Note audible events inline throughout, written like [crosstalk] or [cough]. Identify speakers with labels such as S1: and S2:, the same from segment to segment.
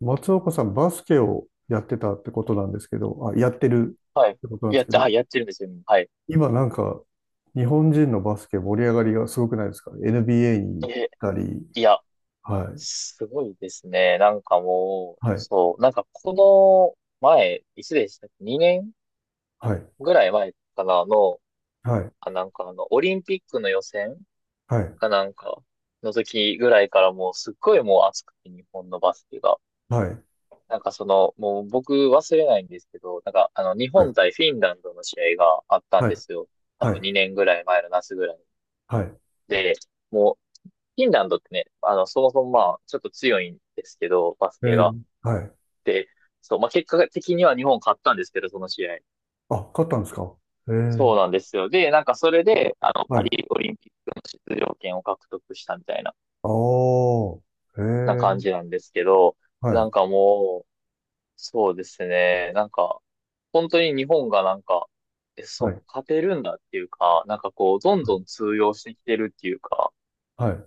S1: 松岡さん、バスケをやってたってことなんですけど、あ、やってる
S2: はい。
S1: ってことなんですけど、
S2: やってるんですよ。はい。
S1: 今なんか、日本人のバスケ盛り上がりがすごくないですか？ NBA に行
S2: え、
S1: ったり。
S2: いや、
S1: はい。
S2: すごいですね。なんかもう、
S1: はい。
S2: そう、なんかこの前、いつでしたっけ？ 2 年
S1: はい。
S2: ぐらい前かなの、
S1: はい。
S2: なんか、オリンピックの予選
S1: はい。
S2: かなんかの時ぐらいからもうすっごいもう熱くて日本のバスケが。
S1: はい。
S2: なんかその、もう僕忘れないんですけど、なんか、日
S1: はい。
S2: 本対フィンランドの試合があったん
S1: は
S2: で
S1: い。
S2: すよ。多
S1: は
S2: 分
S1: い。
S2: 2年ぐらい前の夏ぐらい。
S1: はい。
S2: で、もうフィンランドってね、そもそもまあ、ちょっと強いんですけど、バス
S1: え
S2: ケが。
S1: ー、はい。
S2: で、そう、まあ結果的には日本勝ったんですけど、その試合。
S1: あ、勝ったんですか？え
S2: そ
S1: ー、
S2: うなんですよ。で、なんかそれで、
S1: は
S2: パ
S1: い。
S2: リオリンピックの出場権を獲得したみたいな、
S1: あー、え
S2: な感じ
S1: ー、
S2: なんですけど、
S1: は
S2: な
S1: い。
S2: んかもう、そうですね、なんか、本当に日本がなんか、そ
S1: は
S2: う、
S1: い。
S2: 勝てるんだっていうか、なんかこう、どん
S1: は
S2: ど
S1: い。
S2: ん通用してきてるっていうか、
S1: はい。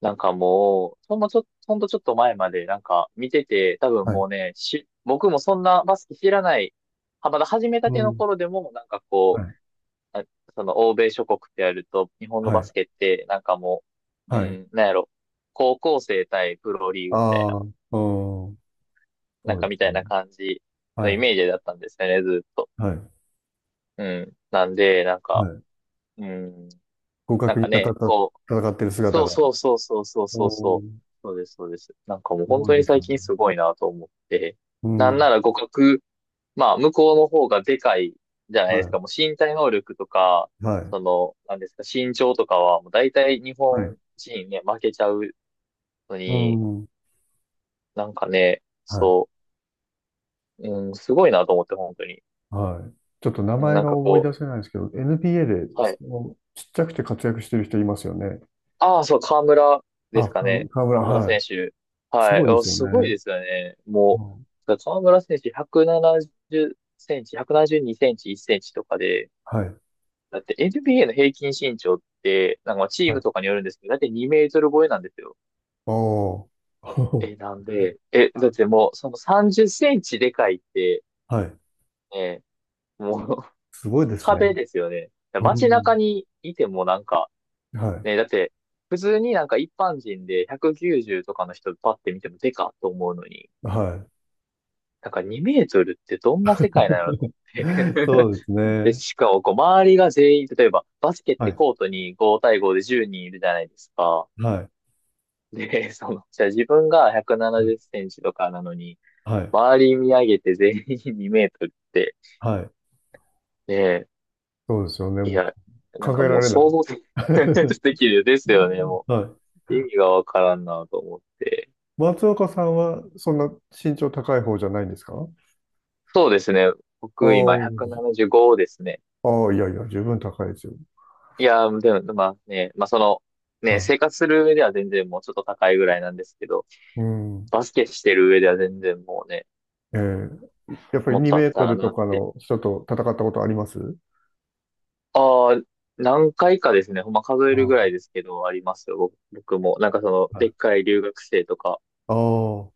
S2: なんかもう、ほんとちょっと前までなんか見てて、多分
S1: はい。
S2: もうね、僕もそんなバスケ知らない、はまだ始めた
S1: う
S2: ての
S1: ん。
S2: 頃でも、なんか
S1: は
S2: こ
S1: い。
S2: う、あその欧米諸国ってやると、日本の
S1: は
S2: バ
S1: い。
S2: スケって、なんかもう、う
S1: はい。
S2: ん、なんやろ、高校生対プロリーグみたい
S1: あ
S2: な、
S1: ー、うん、
S2: なん
S1: そう
S2: か
S1: で
S2: み
S1: す
S2: たい
S1: ね。
S2: な感じ
S1: は
S2: のイ
S1: い。
S2: メージだったんですよね、ずっと。
S1: はい。
S2: うん。なんで、なん
S1: は
S2: か、
S1: い。
S2: うん、
S1: 互
S2: なん
S1: 角に
S2: か
S1: 戦っ
S2: ね、
S1: た
S2: こう、
S1: 戦ってる姿
S2: そう
S1: が。
S2: そうそうそうそう
S1: う
S2: そうそう。
S1: ん。
S2: そうです、そうです。なんかもう
S1: す
S2: 本
S1: ごい
S2: 当
S1: で
S2: に
S1: す
S2: 最
S1: よね。
S2: 近すごいなと思って。
S1: う
S2: なん
S1: ん。
S2: なら互角、まあ向こうの方がでかいじゃないです
S1: は
S2: か。もう身体能力とか、
S1: い。はい。
S2: その、なんですか、身長とかはもう大体日
S1: は
S2: 本
S1: い。
S2: 人ね、負けちゃうの
S1: う
S2: に、
S1: ん。は
S2: なんかね、
S1: い。
S2: そう、うん、すごいなと思って本当に。
S1: はい。ちょっと名
S2: うん
S1: 前
S2: なん
S1: が
S2: か
S1: 思い
S2: こ
S1: 出せないんですけど、NBA
S2: う、
S1: で、
S2: はい。
S1: そのちっちゃくて活躍してる人いますよね。
S2: ああ、そう、河村で
S1: あ、
S2: すか
S1: か
S2: ね。
S1: 河村、
S2: 河村
S1: はい。
S2: 選手。
S1: す
S2: は
S1: ご
S2: い。
S1: いで
S2: お
S1: すよ
S2: すごい
S1: ね。
S2: ですよね。
S1: う
S2: も
S1: ん。
S2: う、河村選手170センチ、172センチ、1センチとかで、
S1: はい。
S2: だって NBA の平均身長って、なんかチー
S1: は
S2: ム
S1: い。
S2: とかによるんですけど、だって2メートル超えなんですよ。
S1: おー。[laughs]
S2: え、なんで、え、だっ
S1: はい。
S2: てもう、その30センチでかいって、
S1: はい。
S2: ね、もう [laughs]
S1: すごいですね。
S2: 壁ですよね。
S1: う
S2: 街
S1: ん。
S2: 中にいてもなんか、
S1: は
S2: ね、だって、普通になんか一般人で190とかの人パッて見てもデカと思うのに、
S1: い。はい。
S2: なんか2メートルってどんな世界なのと思って。
S1: [laughs] そ
S2: [laughs]
S1: うです
S2: で、
S1: ね。
S2: しかもこう周りが全員、例えばバスケっ
S1: は
S2: て
S1: い。
S2: コートに5対5で10人いるじゃないですか。
S1: はい。
S2: で、[laughs] その、じゃあ自分が170
S1: は
S2: セ
S1: い。
S2: ンチとかなのに、
S1: はい。
S2: 周り見上げて全員2メートルって、
S1: はい。
S2: ね
S1: そうですよね。
S2: え、い
S1: もう
S2: や、な
S1: 考
S2: んか
S1: え
S2: も
S1: ら
S2: う
S1: れない。
S2: 想像で [laughs] で
S1: [laughs]
S2: きるですよね、も
S1: はい。
S2: う。意味がわからんなと思って。
S1: 松岡さんはそんな身長高い方じゃないんですか？あ
S2: そうですね。僕今
S1: あ、
S2: 175ですね。
S1: ああ、いやいや、十分高いですよ。
S2: いやー、でも、まあね、まあその、ね、
S1: は
S2: 生活する上では全然もうちょっと高いぐらいなんですけど、
S1: い。うん。
S2: バスケしてる上では全然もうね、
S1: えーやっぱり
S2: もっ
S1: 2
S2: とあ
S1: メ
S2: っ
S1: ート
S2: たら
S1: ルと
S2: なっ
S1: か
S2: て。
S1: の人と戦ったことあります？
S2: ああ、何回かですね、ほんま数え
S1: あ
S2: るぐ
S1: あ、
S2: らいですけど、ありますよ、僕も。なんかその、
S1: は
S2: でっ
S1: い。
S2: かい留学生とか。
S1: ああ、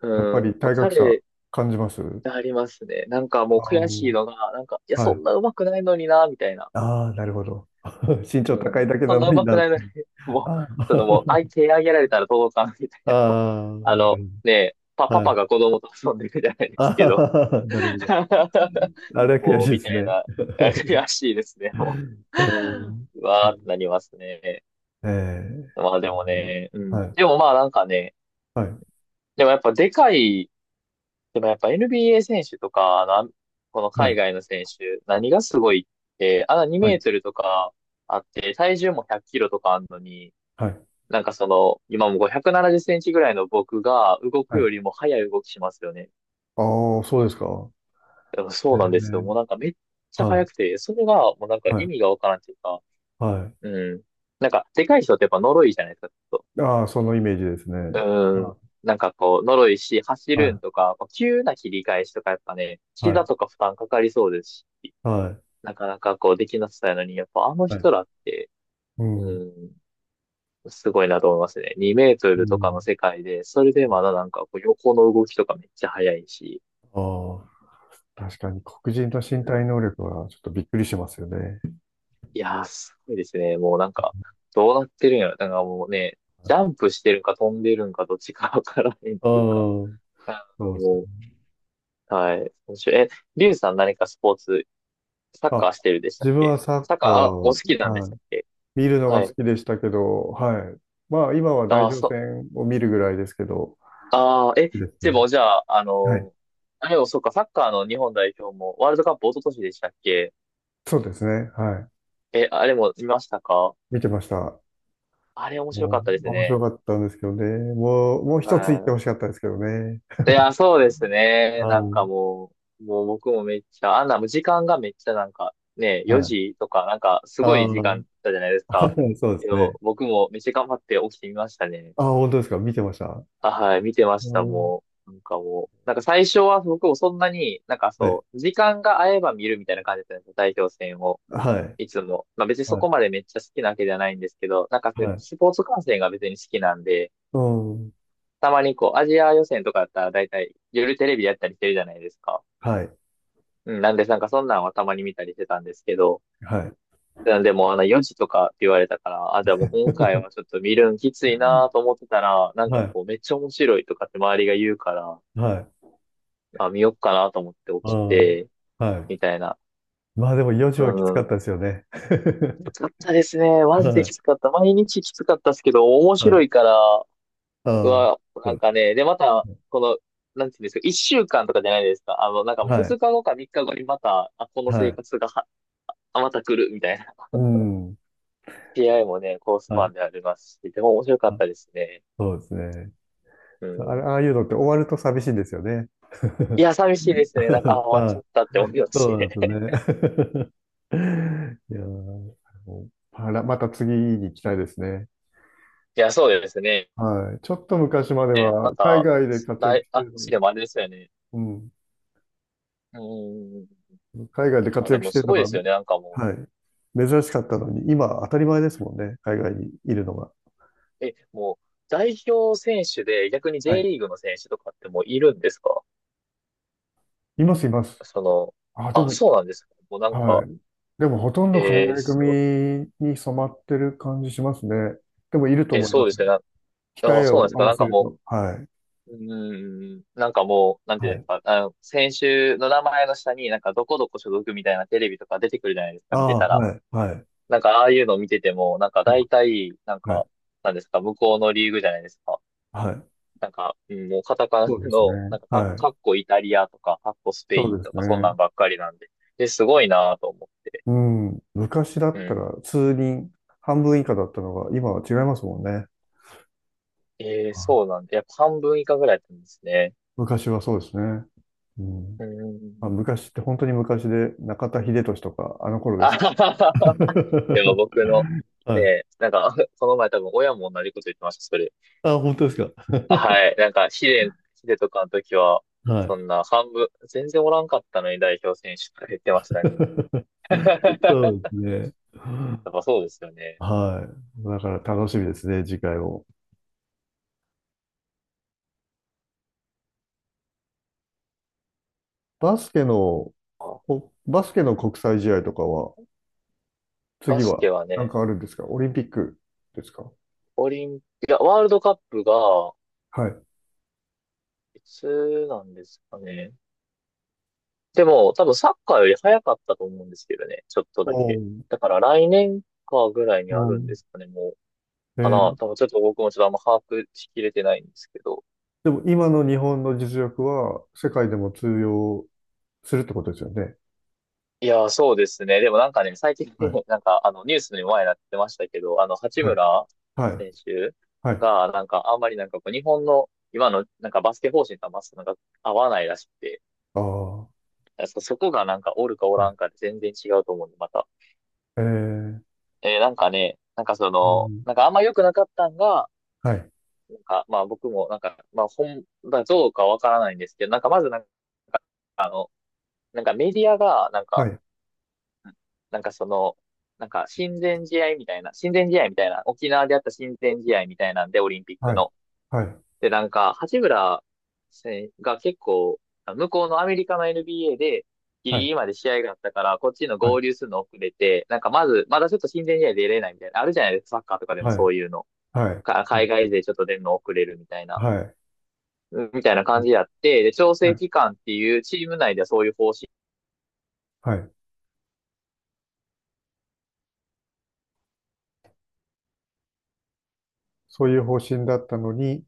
S2: う
S1: やっぱ
S2: ん、やっ
S1: り
S2: ぱ
S1: 体格差
S2: 彼、
S1: 感じます？
S2: ありますね。なんかもう
S1: ああ、
S2: 悔しいのが、なんか、いや、
S1: は
S2: そ
S1: い。
S2: んな上手くないのにな、みたいな。
S1: ああ、なるほど。[laughs] 身長
S2: う
S1: 高
S2: ん。
S1: いだけ
S2: そ
S1: な
S2: ん
S1: の
S2: な
S1: に
S2: 上手く
S1: な。
S2: ないのに、[laughs] もう、
S1: あ
S2: そ
S1: あ、
S2: のもう、手上げられたら届かんみた
S1: [laughs] あ
S2: いな。もう
S1: あ、
S2: あ
S1: な
S2: の、
S1: る
S2: ねえ、
S1: ほど。
S2: パ
S1: は
S2: パ
S1: い。
S2: が子供と遊んでるじゃないで
S1: ああ、
S2: すけど。
S1: [laughs] なるほど。
S2: [laughs]
S1: あれは悔し
S2: もう、
S1: いで
S2: み
S1: す
S2: たい
S1: ね。
S2: な、悔しいですね。も
S1: [laughs] うん。
S2: う、うわーってなりますね。
S1: ええ。
S2: まあでもね、う
S1: は
S2: ん。
S1: い。
S2: でもまあなんかね、
S1: はい。
S2: でもやっぱでかい、でもやっぱ NBA 選手とか、あの、この
S1: は
S2: 海
S1: い。
S2: 外の選手、何がすごいって、あの2
S1: は
S2: メー
S1: い。
S2: トルとかあって、体重も100キロとかあんのに、
S1: はい。
S2: なんかその、今も570センチぐらいの僕が動く
S1: は
S2: よ
S1: い。
S2: りも速い動きしますよね。
S1: ああ、そうですか。
S2: だからそうなんですよ。もう
S1: ええ。
S2: なんかめっちゃ
S1: は
S2: 速くて、それがもうなん
S1: い。
S2: か
S1: は
S2: 意
S1: い。
S2: 味がわからんっていうか、
S1: は
S2: うん。なんか、でかい人ってやっぱ呪いじゃないですか、ちょっ
S1: い。ああ、そのイメージですね。
S2: と。うん。
S1: は
S2: なんかこう、呪いし、走
S1: い。
S2: るん
S1: は
S2: とか、こう急な切り返しとかやっぱね、
S1: い。はい。
S2: 膝とか負担かかりそうですし、
S1: はい。
S2: なかなかこうできなさそうやのに、やっぱあの
S1: はい。
S2: 人らって、
S1: う
S2: う
S1: ん、
S2: ん、すごいなと思いますね。2メート
S1: う
S2: ルとか
S1: ん。
S2: の世界で、それでま
S1: は
S2: だ
S1: い。
S2: なんかこう横の動きとかめっちゃ速いし、
S1: ああ、確かに黒人の身
S2: うん、
S1: 体能力はちょっとびっくりしますよね。
S2: いやー、すごいですね。もうなんか、どうなってるんやろ。なんかもうね、ジャンプしてるか飛んでるんかどっちかわからへんっ
S1: ああ、
S2: ていうか。
S1: そうですね。
S2: もう、はい。面白い。リュウさん何かスポーツ、サッカ
S1: あ、
S2: ーしてるでしたっ
S1: 自分
S2: け？
S1: はサッ
S2: サッカ
S1: カ
S2: ー、お好
S1: ー、
S2: きなんで
S1: は
S2: し
S1: い。
S2: たっけ？
S1: 見るのが
S2: は
S1: 好
S2: い。
S1: きでしたけど、はい。まあ、今は代
S2: ああ、
S1: 表
S2: そう。
S1: 戦を見るぐらいですけど、
S2: ああ、え、
S1: いいです
S2: で
S1: ね。
S2: もじゃあ、
S1: はい。
S2: あれもそうか、サッカーの日本代表もワールドカップ一昨年でしたっけ？
S1: そうですね。はい。
S2: あれも見ましたか？
S1: 見てました。
S2: あれ面白か
S1: も
S2: ったで
S1: う、
S2: す
S1: 面白
S2: ね。
S1: かったんですけどね。もう、もう一つ言って
S2: は
S1: ほしかったですけどね。
S2: い。いや、そうです
S1: あ
S2: ね。なんか
S1: ー。
S2: もう、もう僕もめっちゃ、あんなもう時間がめっちゃなんかね、
S1: は
S2: 4
S1: い。
S2: 時とかなんかすご
S1: あ
S2: い時間だっ
S1: あ。
S2: たじゃないですか。
S1: [laughs] そうで
S2: け
S1: す
S2: ど、
S1: ね。
S2: 僕もめっちゃ頑張って起きてみましたね。
S1: ああ、本当ですか？見てました。
S2: はい、見てまし
S1: う
S2: た、
S1: ん。
S2: もう。なんかもう、なんか最初は僕もそんなに、なんか
S1: はい。
S2: そう、時間が合えば見るみたいな感じだったんですよ、代表戦を。
S1: はい。
S2: いつも。まあ別にそこ
S1: は
S2: までめっちゃ好きなわけではないんですけど、なんか
S1: い。
S2: そういう
S1: はい。
S2: スポーツ観戦が別に好きなんで、
S1: うん。
S2: たまにこう、アジア予選とかだったら大体夜テレビやったりしてるじゃないですか。
S1: はい。
S2: うん、なんでなんかそんなんはたまに見たりしてたんですけど、
S1: はい。
S2: なんでもうあの4時とかって言われたから、じゃあもう今回は
S1: [laughs]
S2: ちょっと見るんきついなと思ってたら、なん
S1: は
S2: か
S1: い。
S2: こうめっちゃ面白いとかって周りが言うから、
S1: はい。
S2: 見よっかなと思って
S1: う
S2: 起き
S1: ん。
S2: て、
S1: はい。
S2: みたいな。
S1: まあでも4時
S2: う
S1: はきつかっ
S2: ん。
S1: たですよね。
S2: き
S1: [laughs]
S2: つかったですね。
S1: は
S2: マジでき
S1: い。
S2: つかった。毎日きつかったですけど、面
S1: は
S2: 白
S1: い。
S2: いから、
S1: あ
S2: う
S1: あ、
S2: わ、
S1: そ
S2: な
S1: う
S2: ん
S1: で
S2: かね、で、ま
S1: す
S2: た、
S1: ね。
S2: この、なんていうんですか、一週間とかじゃないですか。なんか
S1: は
S2: 二
S1: い。
S2: 日後か三日後にまた、この
S1: は
S2: 生
S1: い。
S2: 活がは、また来るみたいな。
S1: うん。
S2: PI もね、コース
S1: は
S2: パ
S1: い。
S2: ンでありますし、でも面白かっ
S1: あ、
S2: たですね。
S1: そうですね。
S2: う
S1: あれ、
S2: ん。
S1: ああいうのって終わると寂しいんですよね。
S2: い
S1: [laughs]
S2: や、寂しいですね。なんか、終わっ
S1: は
S2: ちゃ
S1: い。
S2: ったって思います
S1: そ
S2: し
S1: うな
S2: ね。
S1: んで
S2: [laughs]
S1: すね。[laughs] いやー、また次に行きたいですね。
S2: いや、そうですね。
S1: はい。ちょっと昔まで
S2: ねま
S1: は、海
S2: た、
S1: 外で活躍してるの
S2: 次で
S1: が、
S2: もあれですよね。
S1: うん。
S2: うん。
S1: 海
S2: そっ
S1: 外で
S2: か
S1: 活
S2: で
S1: 躍
S2: も
S1: してる
S2: す
S1: の
S2: ごい
S1: が、
S2: ですよね。なんかも
S1: はい。珍しかったのに、今、当たり前ですもんね。海外にいるのが。
S2: う。もう、代表選手で逆に
S1: は
S2: J
S1: い。
S2: リーグの選手とかってもういるんですか？
S1: います、います。
S2: その、
S1: あ、でも、
S2: そうなんですか。もうなんか、
S1: はい。でもほとんど海外
S2: そう、
S1: 組に染まってる感じしますね。でもいると思い
S2: そう
S1: ま
S2: で
S1: す
S2: すね。
S1: よ。
S2: な
S1: 控
S2: あ、
S1: え
S2: そう
S1: を
S2: なんです
S1: 合
S2: か。
S1: わ
S2: なん
S1: せ
S2: か
S1: る
S2: も
S1: と。はい。
S2: う、うーん、なんかもう、なんていう
S1: は
S2: んです
S1: い。
S2: か。あの、先週の名前の下になんかどこどこ所属みたいなテレビとか出てくるじゃないです
S1: あ
S2: か。見て
S1: あ、
S2: たら。
S1: はい。はい。
S2: なんかああいうの見てても、なんか
S1: は
S2: 大
S1: い。
S2: 体、なん
S1: は
S2: か、
S1: い。
S2: なんですか、向こうのリーグじゃないですか。
S1: はい。
S2: なんか、うんもうカタカナ
S1: そうです
S2: の、
S1: ね。
S2: なんかか、
S1: は
S2: [laughs] か
S1: い。
S2: っこイタリアとか、かっこスペ
S1: そ
S2: イ
S1: う
S2: ン
S1: で
S2: と
S1: す
S2: か、そんな
S1: ね。
S2: んばっかりなんで。ですごいなぁと思って。
S1: うん。昔だ
S2: う
S1: った
S2: ん。
S1: ら数人、半分以下だったのが、今は違いますもんね。
S2: ええ
S1: あ、
S2: そうなんだ。やっぱ半分以下ぐらいだったんですね。
S1: 昔はそうですね。うん。
S2: うー
S1: まあ、
S2: ん。
S1: 昔って本当に昔で、中田英寿とか、あの
S2: [laughs]
S1: 頃で
S2: あ
S1: す
S2: は
S1: けど。
S2: はは。でも
S1: [laughs]
S2: 僕の、
S1: は
S2: ね
S1: い。
S2: え、なんか、[laughs] この前多分親も同じこと言ってました、それ。
S1: あ、本当ですか？
S2: はい。なんか、試練とかの時は、
S1: は
S2: そ
S1: い。
S2: んな半分、全然おらんかったのに代表選手とか言ってましたね。
S1: [laughs] そう
S2: [laughs]
S1: で
S2: や
S1: すね。
S2: っぱそうですよね。
S1: はい。だから楽しみですね、次回も。バスケの、
S2: あ、
S1: バスケの国際試合とかは、
S2: バ
S1: 次
S2: ス
S1: は
S2: ケは
S1: なん
S2: ね、
S1: かあるんですか？オリンピックですか？
S2: オリンピア、ワールドカップが、
S1: はい。
S2: いつなんですかね。でも、多分サッカーより早かったと思うんですけどね。ちょっと
S1: お
S2: だ
S1: ー。
S2: け。だから来年かぐらいに
S1: お
S2: あるん
S1: ー。
S2: ですかね、もう。
S1: え
S2: かな。多
S1: ー。
S2: 分ちょっと僕もちょっとあんま把握しきれてないんですけど。
S1: でも今の日本の実力は世界でも通用するってことですよね。
S2: いやー、そうですね。でもなんかね、最近
S1: は
S2: ね、
S1: い。
S2: [laughs] なんかあのニュースにも前になってましたけど、あの、八
S1: はい。
S2: 村
S1: はい。
S2: 選手
S1: はい。
S2: が、なんかあんまりなんかこう日本の今のなんかバスケ方針とはまっすぐなんか合わないらしくて、
S1: ああ。は
S2: そこがなんかおるかおらんか
S1: い。
S2: で全然違うと思うんで、また。
S1: えー、
S2: なんかね、なんかそ
S1: う
S2: の、
S1: ん。
S2: なんかあんま良くなかったんが、
S1: はい。
S2: なんか、まあ僕もなんか、まあ本だどうかわからないんですけど、なんかまずなんか、あの、なんかメディアが、なん
S1: は
S2: か、
S1: い。
S2: なんかその、なんか親善試合みたいな、沖縄であった親善試合みたいなんで、オリンピッ
S1: は
S2: ク
S1: い。
S2: の。
S1: はい。
S2: で、なんか、八村選手が結構、向こうのアメリカの NBA で、ギリギ
S1: は
S2: リまで試合があったから、こっちの
S1: い。
S2: 合流するの遅れて、なんかまず、まだちょっと親善試合出れないみたいな、あるじゃないですか、サッカーとかでも
S1: はい。はい。
S2: そういうの。
S1: はい。はい、
S2: か海外勢ちょっと出るの遅れるみたいな。
S1: はい。
S2: みたいな感じやって、で、調
S1: は
S2: 整
S1: い。
S2: 期間っていうチーム内ではそういう方
S1: はい。そういう方針だったのに、